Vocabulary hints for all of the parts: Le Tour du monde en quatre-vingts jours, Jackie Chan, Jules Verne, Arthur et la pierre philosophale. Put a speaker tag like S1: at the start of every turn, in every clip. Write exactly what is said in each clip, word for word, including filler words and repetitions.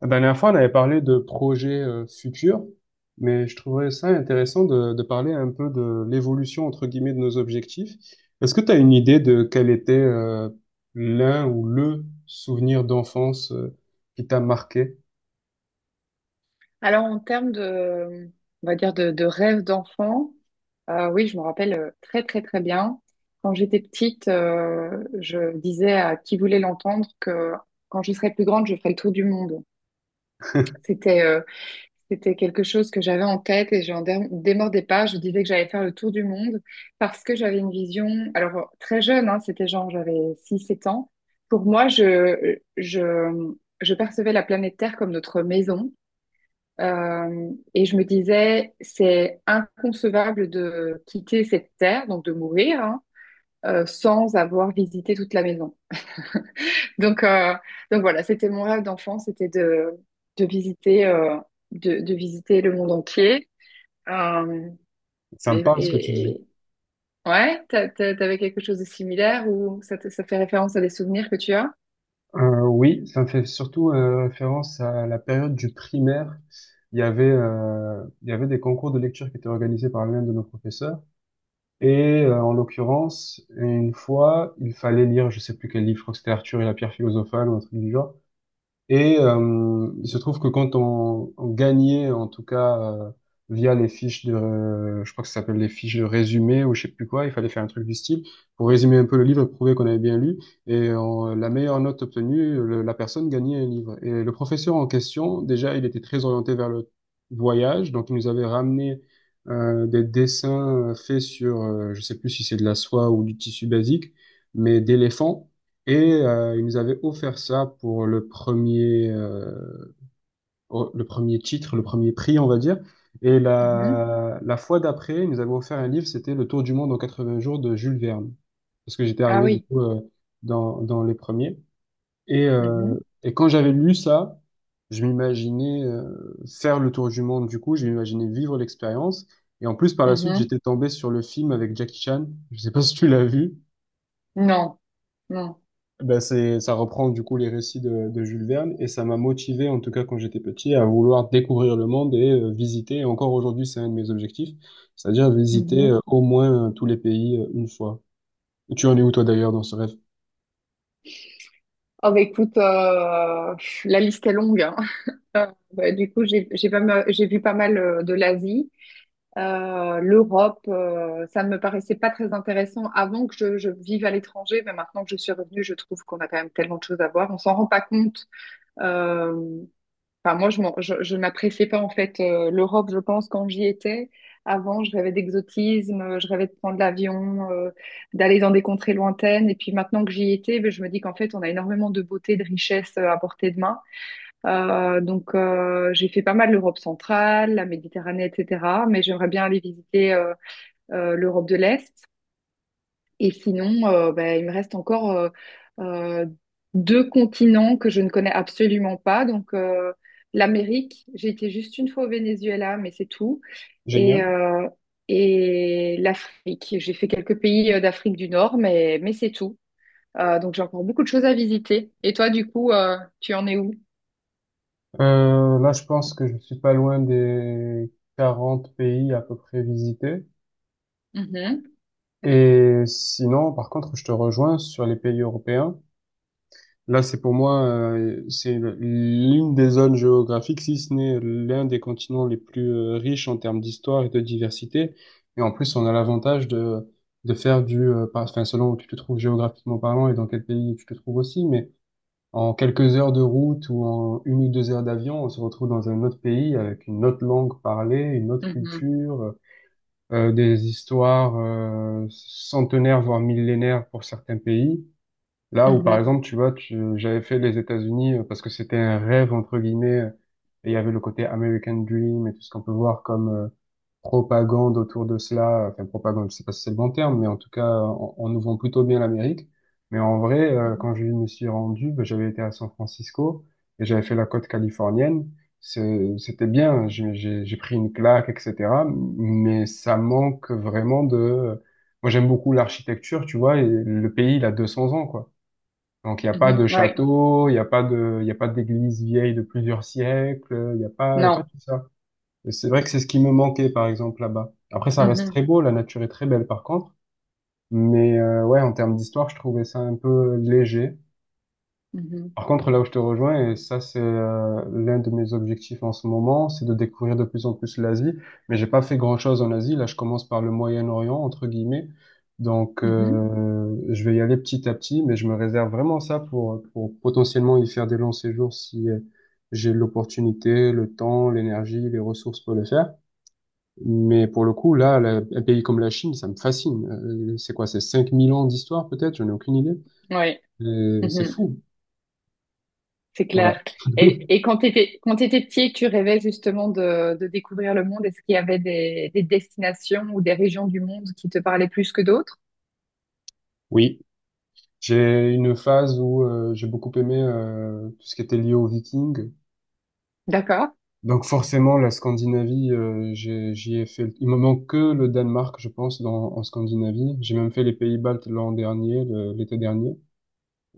S1: La dernière fois, on avait parlé de projets euh, futurs, mais je trouverais ça intéressant de, de parler un peu de l'évolution, entre guillemets, de nos objectifs. Est-ce que tu as une idée de quel était euh, l'un ou le souvenir d'enfance euh, qui t'a marqué?
S2: Alors, en termes de, on va dire, de, de rêve d'enfant, euh, oui, je me rappelle euh, très, très, très bien. Quand j'étais petite, euh, je disais à qui voulait l'entendre que quand je serais plus grande, je ferais le tour du monde. C'était euh, c'était quelque chose que j'avais en tête et je n'en dé- démordais pas. Je disais que j'allais faire le tour du monde parce que j'avais une vision, alors très jeune, hein, c'était genre j'avais six sept ans. Pour moi, je, je, je percevais la planète Terre comme notre maison. Euh, et je me disais, c'est inconcevable de quitter cette terre, donc de mourir, hein, euh, sans avoir visité toute la maison. Donc, euh, donc voilà, c'était mon rêve d'enfant, c'était de, de visiter, euh, de, de visiter le monde entier. Euh,
S1: Ça me
S2: et,
S1: parle ce que tu
S2: et-
S1: dis.
S2: et- ouais, t'a- t'a- t'avais quelque chose de similaire ou ça, te- ça fait référence à des souvenirs que tu as?
S1: Euh, oui, ça me fait surtout euh, référence à la période du primaire. Il y avait, euh, il y avait des concours de lecture qui étaient organisés par l'un de nos professeurs. Et euh, en l'occurrence, une fois, il fallait lire, je sais plus quel livre, je crois que c'était Arthur et la pierre philosophale ou un truc du genre. Et euh, il se trouve que quand on, on gagnait, en tout cas, euh, via les fiches de, euh, je crois que ça s'appelle les fiches de résumé ou je sais plus quoi, il fallait faire un truc du style pour résumer un peu le livre, prouver qu'on avait bien lu. Et on- la meilleure note obtenue, le- la personne gagnait un livre. Et le professeur en question, déjà, il était très orienté vers le voyage, donc il nous avait ramené euh, des dessins euh, faits sur, euh, je sais plus si c'est de la soie ou du tissu basique, mais d'éléphants. Et euh, il nous avait offert ça pour le premier, euh, oh, le premier titre, le premier prix, on va dire. Et
S2: Mhm.
S1: la, la fois d'après, il nous avait offert un livre, c'était Le Tour du monde en quatre-vingts jours de Jules Verne. Parce que j'étais
S2: Ah
S1: arrivé du
S2: oui.
S1: coup euh, dans, dans les premiers. Et, euh,
S2: Mhm.
S1: et quand j'avais lu ça, je m'imaginais euh, faire le tour du monde du coup, je m'imaginais vivre l'expérience. Et en plus, par la suite,
S2: Mhm.
S1: j'étais tombé sur le film avec Jackie Chan. Je sais pas si tu l'as vu.
S2: Non, non.
S1: Ben c'est, ça reprend du coup les récits de, de Jules Verne et ça m'a motivé, en tout cas quand j'étais petit, à vouloir découvrir le monde et euh, visiter. Et encore aujourd'hui, c'est un de mes objectifs, c'est-à-dire visiter euh,
S2: Mhm.
S1: au moins euh, tous les pays euh, une fois. Tu en es où toi d'ailleurs dans ce rêve?
S2: Oh bah écoute, euh, pff, la liste est longue, hein. Euh, bah, du coup, j'ai j'ai pas mal- j'ai vu pas mal euh, de l'Asie. Euh, L'Europe. euh, ça ne me paraissait pas très intéressant avant que je, je vive à l'étranger, mais maintenant que je suis revenue, je trouve qu'on a quand même tellement de choses à voir. On s'en rend pas compte. euh, Enfin, moi, je m'en- je, je n'appréciais pas en fait euh, l'Europe, je pense, quand j'y étais. Avant, je rêvais d'exotisme, euh, je rêvais de prendre l'avion, euh, d'aller dans des contrées lointaines. Et puis maintenant que j'y étais, ben, je me dis qu'en fait, on a énormément de beauté, de richesse euh, à portée de main. Euh, donc, euh, j'ai fait pas mal l'Europe centrale, la Méditerranée, et cetera. Mais j'aimerais bien aller visiter euh, euh, l'Europe de l'Est. Et sinon, euh, bah, il me reste encore euh, euh, deux continents que je ne connais absolument pas. Donc, euh, l'Amérique, j'ai été juste une fois au Venezuela, mais c'est tout. Et,
S1: Génial.
S2: euh, et l'Afrique, j'ai fait quelques pays euh, d'Afrique du Nord, mais, mais c'est tout. Euh, donc, j'ai encore beaucoup de choses à visiter. Et toi, du coup, euh, tu en es où?
S1: Euh, là, je pense que je suis pas loin des quarante pays à peu près visités.
S2: Mhm,
S1: Et sinon, par contre, je te rejoins sur les pays européens. Là, c'est pour moi, euh, c'est l'une des zones géographiques, si ce n'est l'un des continents les plus euh, riches en termes d'histoire et de diversité. Et en plus, on a l'avantage de, de faire du, euh, par- enfin, selon où tu te trouves géographiquement parlant et dans quel pays tu te trouves aussi, mais en quelques heures de route ou en une ou deux heures d'avion, on se retrouve dans un autre pays avec une autre langue parlée, une autre
S2: mhm,
S1: culture, euh, des histoires, euh, centenaires, voire millénaires pour certains pays. Là où, par
S2: mhm,
S1: exemple, tu vois, tu- j'avais fait les États-Unis euh, parce que c'était un rêve, entre guillemets, euh, et il y avait le côté American Dream et tout ce qu'on peut voir comme euh, propagande autour de cela. Enfin, propagande, je sais pas si c'est le bon terme, mais en tout cas, on, on nous vend plutôt bien l'Amérique. Mais en vrai, euh, quand je
S2: mhm,
S1: me suis rendu, ben, j'avais été à San Francisco et j'avais fait la côte californienne. C'est- C'était bien, hein, j'ai j'ai- j'ai pris une claque, et cetera. Mais ça manque vraiment de... euh, Moi, j'aime beaucoup l'architecture, tu vois, et le pays, il a deux cents ans, quoi. Donc, il n'y a pas de
S2: mhm. Ouais,
S1: château, il n'y a pas de, il y a pas d'église vieille de plusieurs siècles, il n'y a pas, il y a pas
S2: non.
S1: tout ça. Et c'est vrai que c'est ce qui me manquait, par exemple, là-bas. Après, ça reste
S2: Mhm,
S1: très beau, la nature est très belle, par contre. Mais euh, ouais, en termes d'histoire, je trouvais ça un peu léger.
S2: mhm,
S1: Par contre, là où je te rejoins, et ça c'est euh, l'un de mes objectifs en ce moment, c'est de découvrir de plus en plus l'Asie. Mais j'ai pas fait grand-chose en Asie. Là, je commence par le Moyen-Orient entre guillemets. Donc,
S2: mhm,
S1: euh, je vais y aller petit à petit, mais je me réserve vraiment ça pour pour potentiellement y faire des longs séjours si euh, j'ai l'opportunité, le temps, l'énergie, les ressources pour le faire. Mais pour le coup, là, la- un pays comme la Chine, ça me fascine. Euh, c'est quoi? C'est cinq mille ans d'histoire peut-être? J'en ai aucune idée.
S2: ouais.
S1: Euh, c'est
S2: Mhm.
S1: fou.
S2: C'est
S1: Voilà.
S2: clair. Et, et quand tu étais, quand tu petit, tu rêvais justement de, de découvrir le monde. Est-ce qu'il y avait des, des destinations ou des régions du monde qui te parlaient plus que d'autres?
S1: Oui. J'ai une phase où euh, j'ai beaucoup aimé euh, tout ce qui était lié aux Vikings.
S2: D'accord.
S1: Donc forcément, la Scandinavie, euh, j'ai- j'y ai fait. Il me manque que le Danemark, je pense, dans, en Scandinavie. J'ai même fait les Pays-Baltes l'an dernier, le- l'été dernier.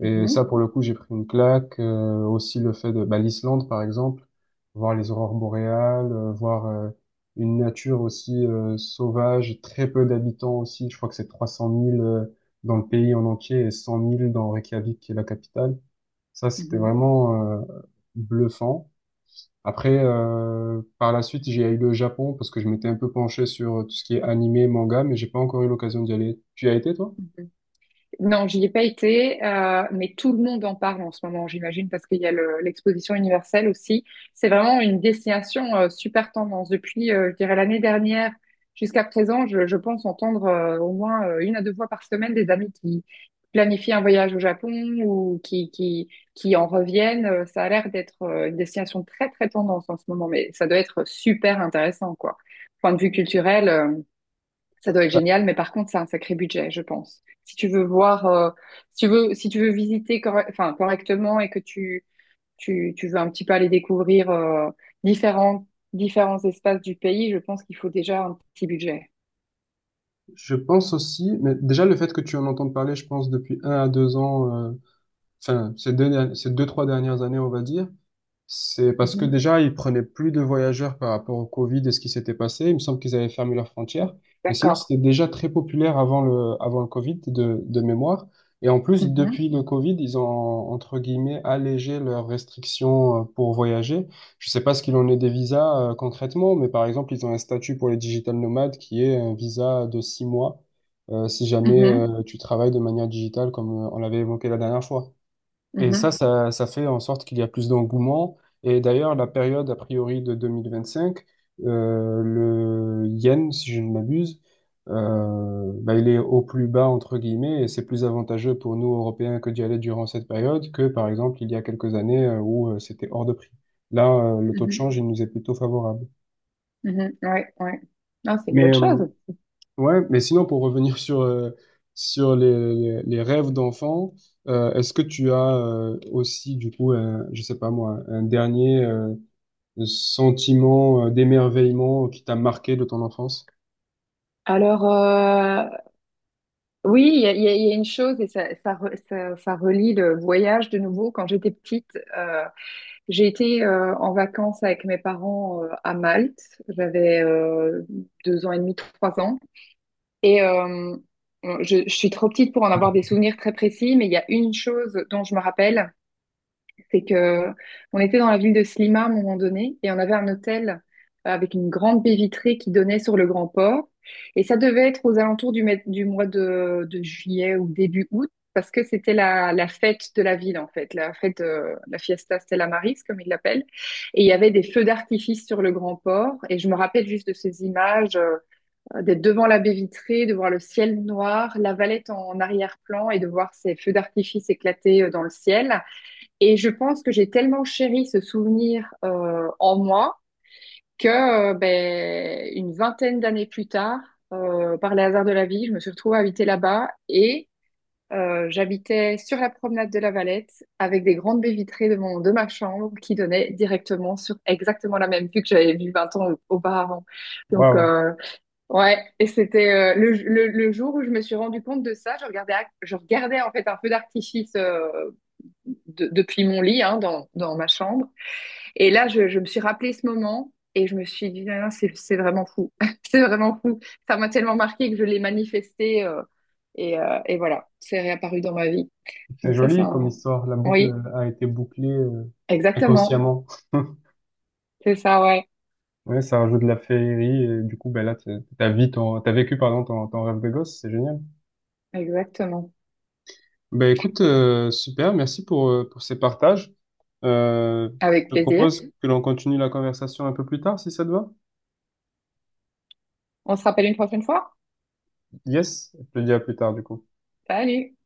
S1: Et ça, pour le coup, j'ai pris une claque. Euh, aussi le fait de bah, l'Islande, par exemple, voir les aurores boréales, euh, voir euh, une nature aussi euh, sauvage, très peu d'habitants aussi. Je crois que c'est trois cent mille euh, dans le pays en entier et cent mille dans Reykjavik, qui est la capitale. Ça, c'était
S2: mhm,
S1: vraiment euh, bluffant. Après, euh, par la suite, j'ai eu le Japon parce que je m'étais un peu penché sur euh, tout ce qui est animé, manga, mais j'ai pas encore eu l'occasion d'y aller. Tu y as été, toi?
S2: mhm. Non, j'y ai pas été, euh, mais tout le monde en parle en ce moment, j'imagine, parce qu'il y a le- l'exposition universelle aussi. C'est vraiment une destination euh, super tendance. Depuis, euh, je dirais, l'année dernière jusqu'à présent, je, je pense entendre euh, au moins euh, une à deux fois par semaine des amis qui planifient un voyage au Japon ou qui, qui, qui en reviennent. Euh, Ça a l'air d'être euh, une destination très, très tendance en ce moment, mais ça doit être super intéressant, quoi. Point de vue culturel, euh, ça doit être
S1: Bah,
S2: génial, mais par contre, c'est un sacré budget, je pense. Si tu veux voir, euh, si tu veux, si tu veux visiter corre- enfin, correctement et que tu, tu, tu veux un petit peu aller découvrir euh, différents, différents espaces du pays, je pense qu'il faut déjà un petit budget.
S1: je pense aussi, mais déjà le fait que tu en entends parler, je pense depuis un à deux ans, euh, enfin ces deux, derni- ces deux trois dernières années, on va dire, c'est parce que
S2: Mhm.
S1: déjà, ils prenaient plus de voyageurs par rapport au Covid et ce qui s'était passé. Il me semble qu'ils avaient fermé leurs frontières. Mais sinon,
S2: D'accord.
S1: c'était déjà très populaire avant le, avant le Covid de, de mémoire. Et en plus,
S2: Mhm.
S1: depuis le Covid, ils ont, entre guillemets, allégé leurs restrictions euh, pour voyager. Je sais pas ce qu'il en est des visas euh, concrètement, mais par exemple, ils ont un statut pour les digital nomades qui est un visa de six mois euh, si jamais
S2: Mhm.
S1: euh, tu travailles de manière digitale comme euh, on l'avait évoqué la dernière fois. Et ça,
S2: Mhm.
S1: ça, ça fait en sorte qu'il y a plus d'engouement. Et d'ailleurs, la période, a priori, de deux mille vingt-cinq, euh, le yen, si je ne m'abuse, euh, bah, il est au plus bas, entre guillemets, et c'est plus avantageux pour nous, Européens, que d'y aller durant cette période que, par exemple, il y a quelques années euh, où euh, c'était hors de prix. Là, euh, le taux de
S2: Mhm.
S1: change, il nous est plutôt favorable.
S2: Mhm. Ouais, ouais. Non, c'est une
S1: Mais
S2: bonne chose.
S1: euh, ouais, mais sinon, pour revenir sur, euh, sur les, les- les rêves d'enfant, euh, est-ce que tu as euh, aussi, du coup, un, je sais pas moi, un dernier euh, sentiment euh, d'émerveillement qui t'a marqué de ton enfance?
S2: Alors, euh, oui, il y a, il y a- il y a une chose, et ça, ça, re- ça, ça relie le voyage de nouveau. Quand j'étais petite, euh, J'ai été euh, en vacances avec mes parents euh, à Malte. J'avais euh, deux ans et demi, trois ans. Et euh, je, je suis trop petite pour en avoir des souvenirs très précis, mais il y a une chose dont je me rappelle, c'est que on était dans la ville de Slima à un moment donné et on avait un hôtel euh, avec une grande baie vitrée qui donnait sur le grand port. Et ça devait être aux alentours du, mai- du mois de, de juillet ou début août parce que c'était la, la fête de la ville en fait, la fête, euh, la fiesta Stella Maris comme ils l'appellent. Et il y avait des feux d'artifice sur le grand port. Et je me rappelle juste de ces images, euh, d'être devant la baie vitrée, de voir le ciel noir, la Valette en arrière-plan et de voir ces feux d'artifice éclater euh, dans le ciel. Et je pense que j'ai tellement chéri ce souvenir euh, en moi que euh, ben, une vingtaine d'années plus tard, euh, par les hasards de la vie, je me suis retrouvée à habiter là-bas et euh, j'habitais sur la promenade de la Valette avec des grandes baies vitrées de, mon, de ma chambre qui donnaient directement sur exactement la même vue que j'avais vue vingt ans auparavant. Donc,
S1: Waouh,
S2: euh, ouais, et c'était euh, le le, le jour où je me suis rendu compte de ça, je regardais, à- je regardais en fait un feu d'artifice euh, de- depuis mon lit, hein, dans, dans ma chambre. Et là, je, je me suis rappelé ce moment et je me suis dit, Ah, c'est, c'est vraiment fou. C'est vraiment fou. Ça m'a tellement marqué que je l'ai manifesté euh, et, euh, et voilà, c'est réapparu dans ma vie.
S1: c'est
S2: Donc ça, c'est
S1: joli comme
S2: un.
S1: histoire. La boucle
S2: Oui,
S1: a été bouclée euh,
S2: exactement.
S1: inconsciemment.
S2: C'est ça, ouais.
S1: Ouais, ça rajoute de la féerie. Et du coup, ben là, t'as t'as vu ton, t'as vécu, pardon, ton, ton rêve de gosse. C'est génial.
S2: Exactement.
S1: Ben écoute, euh, super, merci pour, euh, pour ces partages. Euh,
S2: Avec
S1: je te
S2: plaisir.
S1: propose que l'on continue la conversation un peu plus tard, si ça te va.
S2: On se rappelle une prochaine fois.
S1: Yes, je te dis à plus tard du coup.
S2: Salut!